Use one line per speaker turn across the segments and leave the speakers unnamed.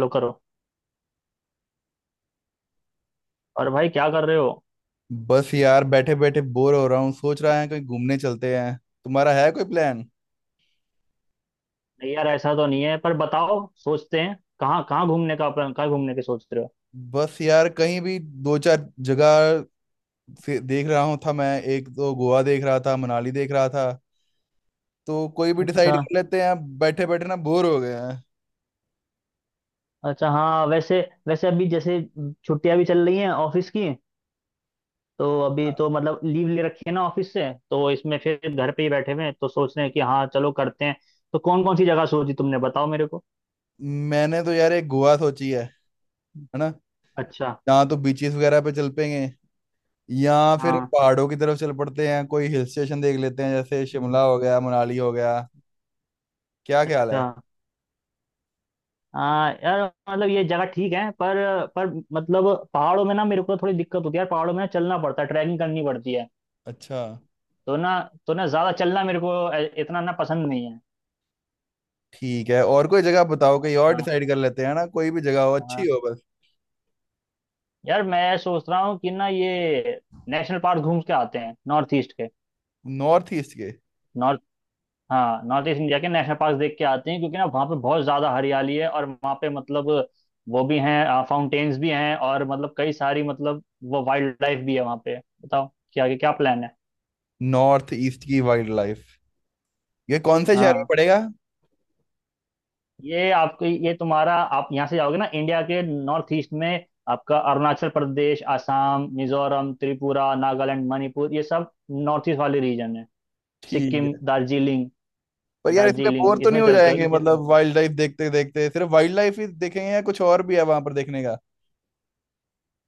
लो करो। और भाई क्या कर रहे हो?
बस यार बैठे बैठे बोर हो रहा हूँ। सोच रहा है कहीं घूमने चलते हैं। तुम्हारा है कोई प्लान?
नहीं यार, ऐसा तो नहीं है पर बताओ। सोचते हैं। कहाँ कहाँ घूमने का प्लान कहाँ घूमने के सोच रहे हो?
बस यार कहीं भी 2-4 जगह से देख रहा हूँ था मैं। एक तो गोवा देख रहा था, मनाली देख रहा था। तो कोई भी डिसाइड
अच्छा।
कर लेते हैं, बैठे बैठे ना बोर हो गए हैं।
अच्छा हाँ, वैसे वैसे अभी जैसे छुट्टियां भी चल रही हैं ऑफिस की। तो अभी तो मतलब लीव ले रखी है ना ऑफिस से, तो इसमें फिर घर पे ही बैठे हुए हैं, तो सोच रहे हैं कि हाँ चलो करते हैं। तो कौन कौन सी जगह सोची तुमने, बताओ मेरे को।
मैंने तो यार एक गोवा सोची है ना?
अच्छा।
यहाँ तो बीचेस वगैरह पे चल पेंगे या फिर
हाँ।
पहाड़ों की तरफ चल पड़ते हैं, कोई हिल स्टेशन देख लेते हैं, जैसे
हम्म,
शिमला हो गया, मनाली हो गया। क्या ख्याल
अच्छा,
है?
हाँ यार, मतलब ये जगह ठीक है पर, मतलब पहाड़ों में ना मेरे को थोड़ी दिक्कत होती है यार, पहाड़ों में ना चलना पड़ता है, ट्रैकिंग करनी पड़ती है।
अच्छा,
तो ना तो ना ज्यादा चलना मेरे को इतना ना पसंद नहीं है।
ठीक है। और कोई जगह बताओ, कहीं और
हाँ,
डिसाइड कर लेते हैं ना। कोई भी जगह हो,
हाँ
अच्छी हो बस।
यार, मैं सोच रहा हूँ कि ना ये नेशनल पार्क घूम के आते हैं नॉर्थ ईस्ट के।
नॉर्थ ईस्ट के?
नॉर्थ हाँ, नॉर्थ ईस्ट इंडिया के नेशनल पार्क देख के आते हैं, क्योंकि ना वहाँ पे बहुत ज्यादा हरियाली है और वहाँ पे मतलब वो भी हैं, फाउंटेन्स भी हैं, और मतलब कई सारी मतलब वो वाइल्ड लाइफ भी है वहाँ पे। बताओ क्या क्या प्लान है।
नॉर्थ ईस्ट की वाइल्ड लाइफ? ये कौन से शहर में
हाँ,
पड़ेगा?
ये आपके ये तुम्हारा आप यहाँ से जाओगे ना। इंडिया के नॉर्थ ईस्ट में आपका अरुणाचल प्रदेश, आसाम, मिजोरम, त्रिपुरा, नागालैंड, मणिपुर, ये सब नॉर्थ ईस्ट वाले रीजन है।
ठीक
सिक्किम,
है,
दार्जिलिंग।
पर यार इसमें बोर तो नहीं
इसमें
हो
चलते हो
जाएंगे?
हाँ।
मतलब वाइल्ड लाइफ देखते देखते सिर्फ वाइल्ड लाइफ ही देखेंगे या कुछ और भी है वहां पर देखने का?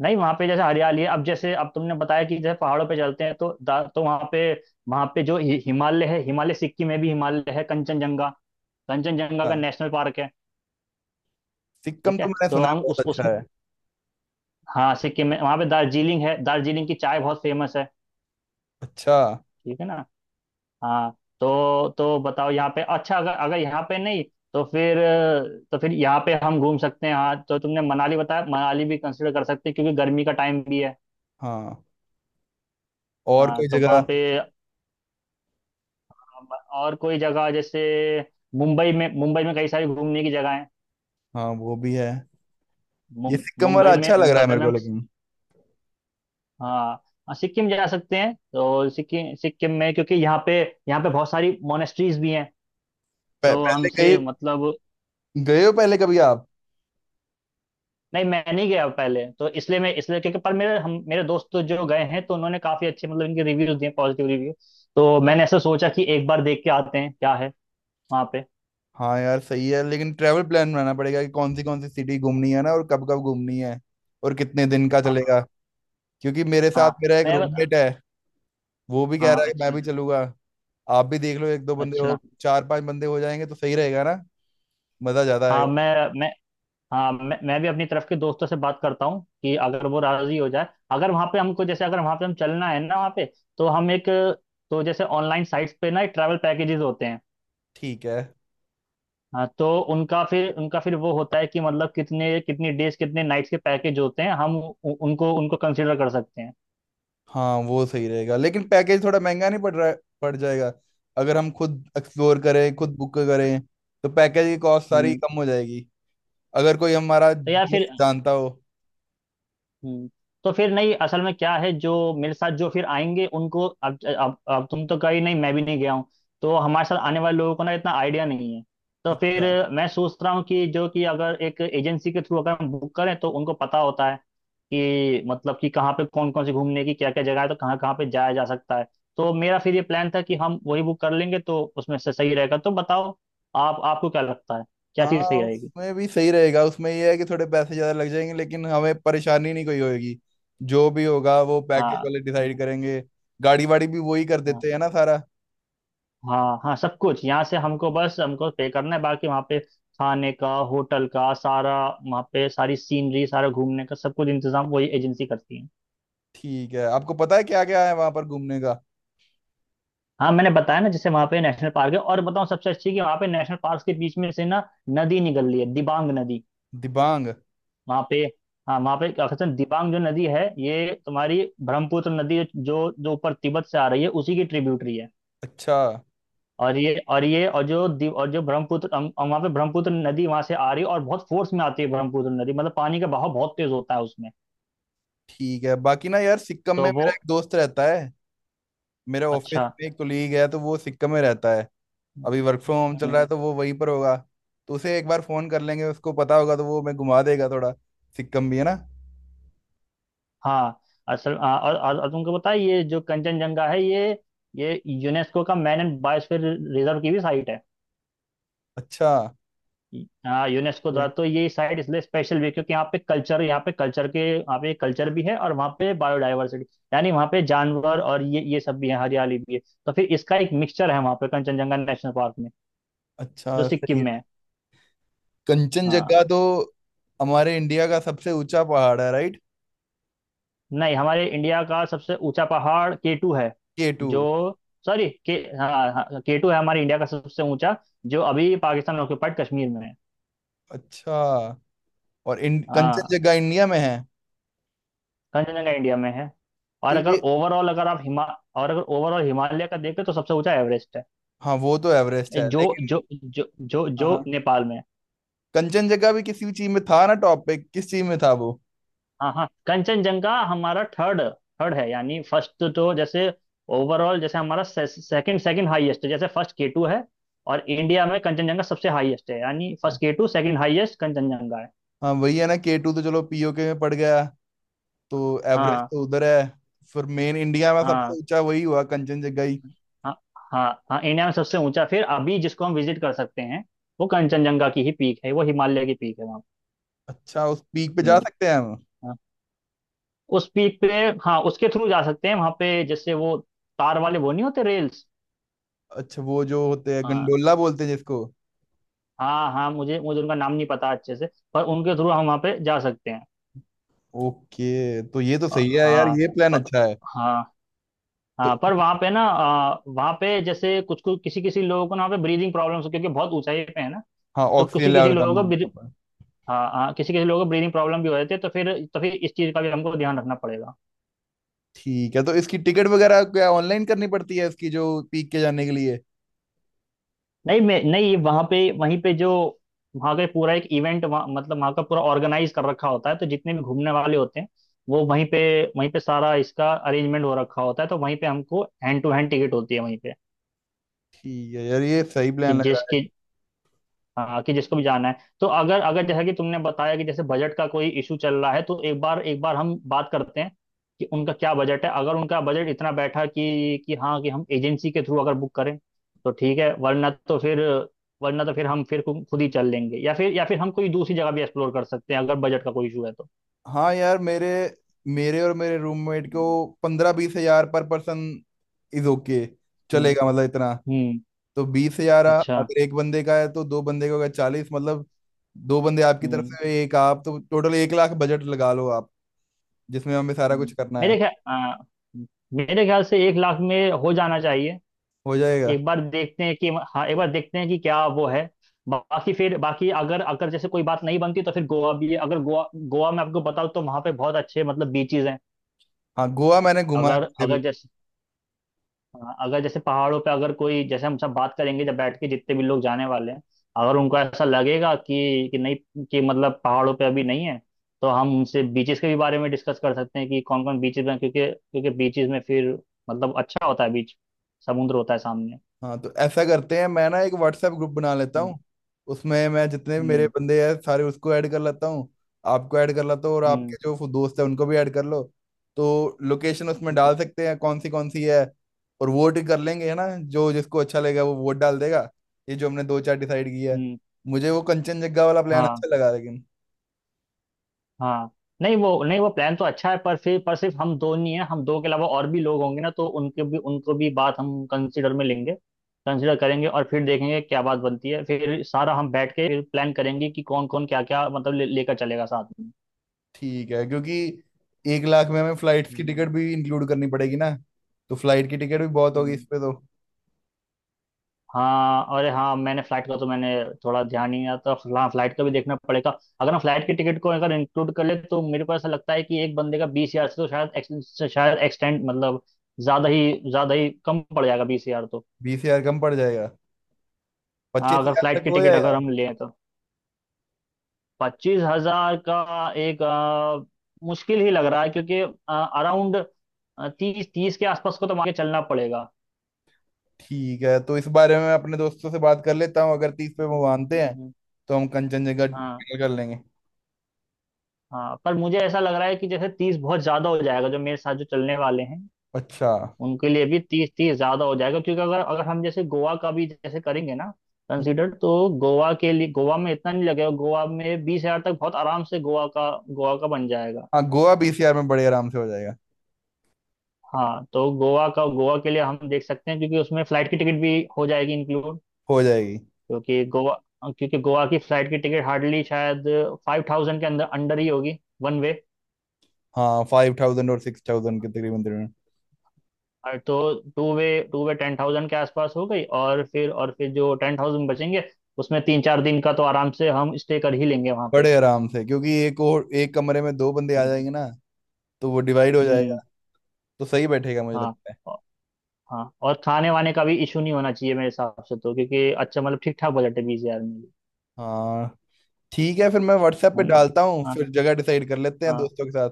नहीं, वहाँ पे जैसे हरियाली है। अब जैसे अब तुमने बताया कि जैसे पहाड़ों पे चलते हैं, तो वहाँ पे जो हिमालय है, हिमालय सिक्किम में भी हिमालय है, कंचनजंगा। कंचनजंगा का
हाँ,
नेशनल पार्क है।
सिक्किम
ठीक है।
तो मैंने
तो
सुना है
हम
बहुत
उस
अच्छा है।
हाँ, सिक्किम में वहाँ पे दार्जिलिंग है, दार्जिलिंग की चाय बहुत फेमस है,
अच्छा।
ठीक है ना? हाँ तो बताओ यहाँ पे। अच्छा, अगर अगर यहाँ पे नहीं, तो फिर यहाँ पे हम घूम सकते हैं। हाँ तो तुमने मनाली बताया, मनाली भी कंसिडर कर सकते हैं, क्योंकि गर्मी का टाइम भी है।
हाँ। और
हाँ
कोई
तो वहाँ
जगह?
पे और कोई जगह जैसे मुंबई में, कई सारी घूमने की जगह है।
हाँ वो भी है।
मुं,
ये सिक्किम वाला अच्छा लग रहा है
मुंबई
मेरे
में
को,
हम
लेकिन
हाँ। हाँ, सिक्किम जा सकते हैं, तो सिक्किम सिक्किम में, क्योंकि यहाँ पे बहुत सारी मोनेस्ट्रीज भी हैं।
पह,
तो
पहले
हमसे
गए?
मतलब
गए हो पहले कभी आप?
नहीं, मैं नहीं गया पहले, तो इसलिए मैं इसलिए क्योंकि पर मेरे हम मेरे दोस्त तो जो गए हैं, तो उन्होंने काफी अच्छे मतलब इनके रिव्यूज दिए, पॉजिटिव रिव्यू। तो मैंने ऐसा सोचा कि एक बार देख के आते हैं क्या है वहाँ पे।
हाँ यार सही है, लेकिन ट्रैवल प्लान बनाना पड़ेगा कि कौन सी सिटी घूमनी है ना, और कब कब घूमनी है, और कितने दिन का
हाँ।
चलेगा। क्योंकि मेरे साथ
हाँ
मेरा एक
मैं बता
रूममेट है, वो भी कह
हाँ।
रहा है कि मैं
अच्छा।
भी चलूंगा। आप भी देख लो, एक दो बंदे हो,
अच्छा
चार पांच बंदे हो जाएंगे तो सही रहेगा ना, मजा ज्यादा
हाँ,
आएगा।
मैं हाँ, मैं भी अपनी तरफ के दोस्तों से बात करता हूँ कि अगर वो राजी हो जाए, अगर वहाँ पे हमको जैसे अगर वहाँ पे हम चलना है ना वहाँ पे। तो हम एक तो जैसे ऑनलाइन साइट्स पे ना ट्रैवल पैकेजेस होते हैं।
ठीक है।
हाँ तो उनका फिर वो होता है कि मतलब कितने, कितनी डेज, कितने नाइट्स के पैकेज होते हैं, हम उनको उनको कंसिडर कर सकते हैं।
हाँ वो सही रहेगा, लेकिन पैकेज थोड़ा महंगा नहीं पड़ रहा, पड़ जाएगा? अगर हम खुद एक्सप्लोर करें, खुद बुक करें तो पैकेज की कॉस्ट सारी
हम्म
कम हो जाएगी, अगर कोई हमारा
तो यार फिर,
दोस्त जानता हो।
हम्म तो फिर नहीं, असल में क्या है जो मेरे साथ जो फिर आएंगे उनको, अब तुम तो कहीं नहीं, मैं भी नहीं गया हूँ। तो हमारे साथ आने वाले लोगों को ना इतना आइडिया नहीं है। तो फिर
अच्छा।
मैं सोच रहा हूँ कि जो कि अगर एक एजेंसी के थ्रू अगर हम बुक करें, तो उनको पता होता है कि मतलब कि कहाँ पे कौन कौन सी घूमने की क्या क्या जगह है, तो कहाँ कहाँ पे जाया जा सकता है। तो मेरा फिर ये प्लान था कि हम वही बुक कर लेंगे, तो उसमें से सही रहेगा। तो बताओ आप आपको क्या लगता है, क्या चीज़
हाँ
सही रहेगी।
उसमें भी सही रहेगा, उसमें ये है कि थोड़े पैसे ज्यादा लग जाएंगे, लेकिन हमें परेशानी नहीं कोई होगी। जो भी होगा वो
हाँ।
पैकेज वाले
हाँ।
डिसाइड करेंगे। गाड़ी वाड़ी भी वही कर
हाँ।
देते हैं ना सारा।
हाँ, हाँ, सब कुछ यहाँ से हमको, बस हमको पे करना है, बाकी वहाँ पे खाने का, होटल का, सारा वहाँ पे सारी सीनरी, सारा घूमने का, सब कुछ इंतजाम वही एजेंसी करती है।
ठीक है, आपको पता है क्या क्या है वहां पर घूमने का?
हाँ, मैंने बताया ना जैसे वहाँ पे नेशनल पार्क है। और बताऊँ सबसे अच्छी कि वहाँ पे नेशनल पार्क के बीच में से ना नदी निकल रही है, दिबांग नदी।
दिबांग?
वहाँ पे हाँ, वहाँ पे क्या कहते हैं, दिबांग जो नदी है ये तुम्हारी ब्रह्मपुत्र नदी, जो जो ऊपर तिब्बत से आ रही है, उसी की ट्रिब्यूटरी है।
अच्छा।
और जो ब्रह्मपुत्र वहाँ पे, ब्रह्मपुत्र नदी वहां से आ रही है, और बहुत फोर्स में आती है ब्रह्मपुत्र नदी, मतलब पानी का बहाव बहुत तेज होता है उसमें।
ठीक है, बाकी ना यार सिक्किम में
तो वो
मेरा एक दोस्त रहता है। मेरे ऑफिस
अच्छा।
में एक कोलीग है तो वो सिक्किम में रहता है। अभी वर्क फ्रॉम होम चल
हम्म,
रहा है तो वो वहीं पर होगा। तो उसे एक बार फोन कर लेंगे, उसको पता होगा, तो वो हमें घुमा देगा थोड़ा सिक्किम भी, है ना?
हाँ, असल हाँ, और तुमको पता है ये जो कंचनजंगा है ये यूनेस्को का मैन एंड बायोस्फीयर रिजर्व की भी साइट है।
अच्छा।
हाँ, यूनेस्को द्वारा तो ये साइट इसलिए स्पेशल भी है, क्योंकि यहाँ पे कल्चर भी है और वहाँ पे बायोडाइवर्सिटी। यानी वहाँ पे जानवर और ये सब भी है, हरियाली भी है। तो फिर इसका एक मिक्सचर है वहाँ पे कंचनजंगा नेशनल पार्क में,
अच्छा
जो सिक्किम
सही
में
है।
है। हाँ।
कंचनजंगा तो हमारे इंडिया का सबसे ऊंचा पहाड़ है, राइट?
नहीं, हमारे इंडिया का सबसे ऊंचा पहाड़ केटू है।
K two?
जो सॉरी, के हाँ, हाँ केटू है हमारे इंडिया का सबसे ऊंचा, जो अभी पाकिस्तान ऑक्यूपाइड कश्मीर में है।
अच्छा, और
हाँ,
कंचनजंगा इंडिया में है?
कंचनजंगा इंडिया में है।
तो
और अगर
ये?
ओवरऑल अगर आप हिमा और अगर ओवरऑल हिमालय का देखें तो सबसे ऊंचा एवरेस्ट है।
हाँ वो तो एवरेस्ट है,
जो
लेकिन
जो जो जो
हाँ।
जो
हाँ
नेपाल में है।
कंचनजंगा भी किसी चीज में था ना, टॉप पे? किस चीज में था वो?
हाँ। हाँ, कंचनजंगा हमारा थर्ड, है, यानी फर्स्ट तो जैसे ओवरऑल जैसे हमारा सेकंड सेकंड हाईएस्ट है, जैसे फर्स्ट केटू है। और इंडिया में कंचनजंगा सबसे हाईएस्ट है, यानी
हाँ।
First K two, second highest Kanchenjunga है।
हाँ, वही है ना के टू, तो चलो पीओके में पड़ गया। तो एवरेस्ट
हाँ।
तो उधर है, फिर मेन इंडिया में सबसे
हाँ।
ऊंचा वही हुआ, कंचनजंगा ही।
हाँ। हाँ, हाँ इंडिया में सबसे ऊंचा फिर अभी जिसको हम विजिट कर सकते हैं, वो कंचनजंगा की ही पीक है, वो हिमालय की पीक है वहाँ।
अच्छा उस पीक पे जा
हम्म।
सकते हैं हम?
हाँ। उस पीक पे हाँ, उसके थ्रू जा सकते हैं वहां पे, जैसे वो तार वाले, वो नहीं होते, रेल्स।
अच्छा वो जो होते हैं,
हाँ।
गंडोला बोलते हैं जिसको।
हाँ, हाँ मुझे मुझे उनका नाम नहीं पता अच्छे से, पर उनके थ्रू हम वहाँ पे जा सकते हैं।
ओके तो ये तो
अ,
सही है यार,
हाँ।
ये प्लान
प,
अच्छा है।
हाँ,
तो
हाँ पर वहाँ पे ना वहाँ पे जैसे कुछ कुछ किसी किसी लोगों को ना वहाँ पे ब्रीदिंग प्रॉब्लम्स, क्योंकि बहुत ऊंचाई पे है ना।
हाँ
तो
ऑक्सीजन
किसी किसी
लेवल कम
लोगों
हो
को
गया,
ब्री-
पर
हाँ, हाँ किसी किसी लोगों को ब्रीदिंग प्रॉब्लम भी हो जाती है, तो फिर इस चीज़ का भी हमको ध्यान रखना पड़ेगा।
ठीक है। तो इसकी टिकट वगैरह क्या ऑनलाइन करनी पड़ती है, इसकी जो पीक के जाने के लिए?
नहीं, मैं नहीं वहां पे वहीं पे जो वहां का पूरा एक इवेंट, मतलब वहां का पूरा ऑर्गेनाइज कर रखा होता है, तो जितने भी घूमने वाले होते हैं वो वहीं पे सारा इसका अरेंजमेंट हो रखा होता है, तो वहीं पे हमको हैंड टू हैंड टिकट होती है वहीं पे।
ठीक है यार, ये सही
कि
प्लान लग रहा
जिसकी हाँ, कि जिसको भी जाना है, तो अगर अगर जैसा कि तुमने बताया कि जैसे बजट का कोई इशू चल रहा है, तो एक बार हम बात करते हैं कि उनका क्या बजट है। अगर उनका बजट इतना बैठा कि हाँ कि हम एजेंसी के थ्रू अगर बुक करें तो ठीक है, वरना तो फिर हम फिर खुद ही चल लेंगे, या फिर हम कोई दूसरी जगह भी एक्सप्लोर कर सकते हैं, अगर बजट का कोई इशू है तो।
है। हाँ यार मेरे मेरे और मेरे रूममेट को 15-20 हजार पर पर्सन इज ओके,
हम्म।
चलेगा मतलब इतना।
हम्म।
तो 20 हजार
अच्छा।
अगर एक बंदे का है तो दो बंदे का होगा 40 मतलब। दो बंदे आपकी तरफ
हम्म।
से, एक आप, तो टोटल 1 लाख बजट लगा लो आप, जिसमें हमें सारा कुछ
हम्म।
करना है।
मेरे ख्याल मेरे ख्याल से 1,00,000 में हो जाना चाहिए।
हो जाएगा।
एक बार देखते हैं कि क्या वो है। बाकी अगर अगर जैसे कोई बात नहीं बनती, तो फिर गोवा भी है। अगर गोवा गोवा में आपको बताऊँ, तो वहाँ पे बहुत अच्छे मतलब बीचेस हैं।
हाँ गोवा मैंने घुमा है
अगर
पहले भी।
अगर जैसे हाँ, अगर जैसे पहाड़ों पे अगर कोई जैसे हम सब बात करेंगे जब बैठ के, जितने भी लोग जाने वाले हैं, अगर उनको ऐसा लगेगा कि नहीं, कि मतलब पहाड़ों पे अभी नहीं है, तो हम उनसे बीचेस के भी बारे में डिस्कस कर सकते हैं कि कौन कौन बीचेस हैं, क्योंकि क्योंकि बीचेस में फिर मतलब अच्छा होता है बीच, समुद्र होता है सामने।
हाँ तो ऐसा करते हैं, मैं ना एक व्हाट्सएप ग्रुप बना लेता
हम्म।
हूँ। उसमें मैं जितने भी मेरे
हम्म।
बंदे हैं सारे उसको ऐड कर लेता हूँ, आपको ऐड कर लेता हूँ, और
हम्म।
आपके जो दोस्त हैं उनको भी ऐड कर लो। तो लोकेशन उसमें डाल सकते हैं कौन सी है, और वोट कर लेंगे, है ना। जो जिसको अच्छा लगेगा वो वोट डाल देगा, ये जो हमने 2-4 डिसाइड किया है।
हम्म।
मुझे वो कंचनजंगा वाला प्लान
हाँ।
अच्छा लगा, लेकिन
हाँ, नहीं वो प्लान तो अच्छा है, पर फिर पर सिर्फ हम दो नहीं है, हम दो के अलावा और भी लोग होंगे ना, तो उनके भी उनको भी बात हम कंसिडर में लेंगे, कंसिडर करेंगे, और फिर देखेंगे क्या बात बनती है, फिर सारा हम बैठ के फिर प्लान करेंगे कि कौन कौन क्या क्या मतलब लेकर चलेगा साथ में।
ठीक है। क्योंकि 1 लाख में हमें फ्लाइट्स की
हम्म।
टिकट भी इंक्लूड करनी पड़ेगी ना, तो फ्लाइट की टिकट भी बहुत होगी इस
हम्म।
पे तो।
हाँ, अरे हाँ, मैंने फ्लाइट का तो मैंने थोड़ा ध्यान नहीं आता। हाँ, फ्लाइट का भी देखना पड़ेगा। अगर हम फ्लाइट की टिकट को अगर इंक्लूड कर ले, तो मेरे को ऐसा लगता है कि एक बंदे का 20,000 से तो शायद एक्सटेंड, मतलब ज्यादा ही कम पड़ जाएगा, 20,000 तो।
20 हजार कम पड़ जाएगा,
हाँ,
पच्चीस
अगर
हजार
फ्लाइट
तक
की
हो
टिकट
जाएगा।
अगर हम लें तो 25,000 का एक मुश्किल ही लग रहा है, क्योंकि अराउंड तीस 30 के आसपास को तो आगे चलना पड़ेगा।
ठीक है, तो इस बारे में मैं अपने दोस्तों से बात कर लेता हूँ, अगर 30 पे वो मानते हैं
हम्म,
तो हम कंचनजंगा
हाँ।
final कर लेंगे।
हाँ, पर मुझे ऐसा लग रहा है कि जैसे 30 बहुत ज्यादा हो जाएगा, जो मेरे साथ जो चलने वाले हैं
अच्छा।
उनके लिए भी तीस 30 ज्यादा हो जाएगा, क्योंकि अगर अगर हम जैसे गोवा का भी जैसे करेंगे ना, कंसीडर, तो गोवा के लिए गोवा में इतना नहीं लगेगा, गोवा में 20,000 तक बहुत आराम से गोवा का बन जाएगा।
हाँ गोवा 20 हजार में बड़े आराम से हो जाएगा।
हाँ, तो गोवा के लिए हम देख सकते हैं, क्योंकि उसमें फ्लाइट की टिकट भी हो जाएगी इंक्लूड।
हो जाएगी।
क्योंकि गोवा क्योंकि गोवा की फ्लाइट की टिकट हार्डली शायद 5,000 के अंदर अंडर ही होगी, वन वे।
हाँ 5000 और 6000 के तकरीबन तकरीबन।
और तो टू वे 10,000 के आसपास हो गई, और फिर जो 10,000 बचेंगे उसमें 3 4 दिन का तो आराम से हम स्टे कर ही लेंगे वहाँ पे।
बड़े आराम से, क्योंकि एक और एक कमरे में दो बंदे आ जाएंगे ना, तो वो डिवाइड हो जाएगा।
हम्म।
तो सही बैठेगा मुझे
हाँ।
लगता है।
औ- हाँ, और खाने वाने का भी इशू नहीं होना चाहिए मेरे हिसाब से तो, क्योंकि अच्छा मतलब ठीक ठाक बजट है 20,000 में भी,
हाँ ठीक है, फिर मैं व्हाट्सएप
है
पे
ना?
डालता हूँ,
हाँ।
फिर जगह डिसाइड कर लेते हैं
हाँ।
दोस्तों के साथ।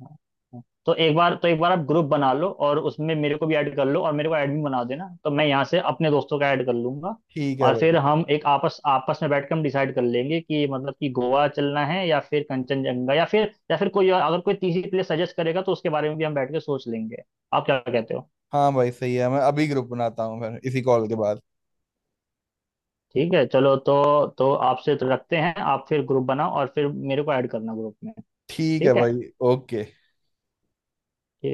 हाँ। तो एक बार आप ग्रुप बना लो और उसमें मेरे को भी ऐड कर लो, और मेरे को एडमिन बना देना, तो मैं यहाँ से अपने दोस्तों का ऐड कर लूंगा।
ठीक है
और फिर
भाई।
हम एक आपस आपस में बैठ कर हम डिसाइड कर लेंगे कि मतलब कि गोवा चलना है या फिर कंचनजंगा, या फिर कोई अगर कोई तीसरी प्लेस सजेस्ट करेगा, तो उसके बारे में भी हम बैठ के सोच लेंगे। आप क्या कहते हो?
हाँ भाई सही है, मैं अभी ग्रुप बनाता हूँ फिर इसी कॉल के बाद।
ठीक है, चलो, तो आपसे तो रखते हैं। आप फिर ग्रुप बनाओ और फिर मेरे को ऐड करना ग्रुप में। ठीक
ठीक
है।
है
ठीक है।
भाई। ओके।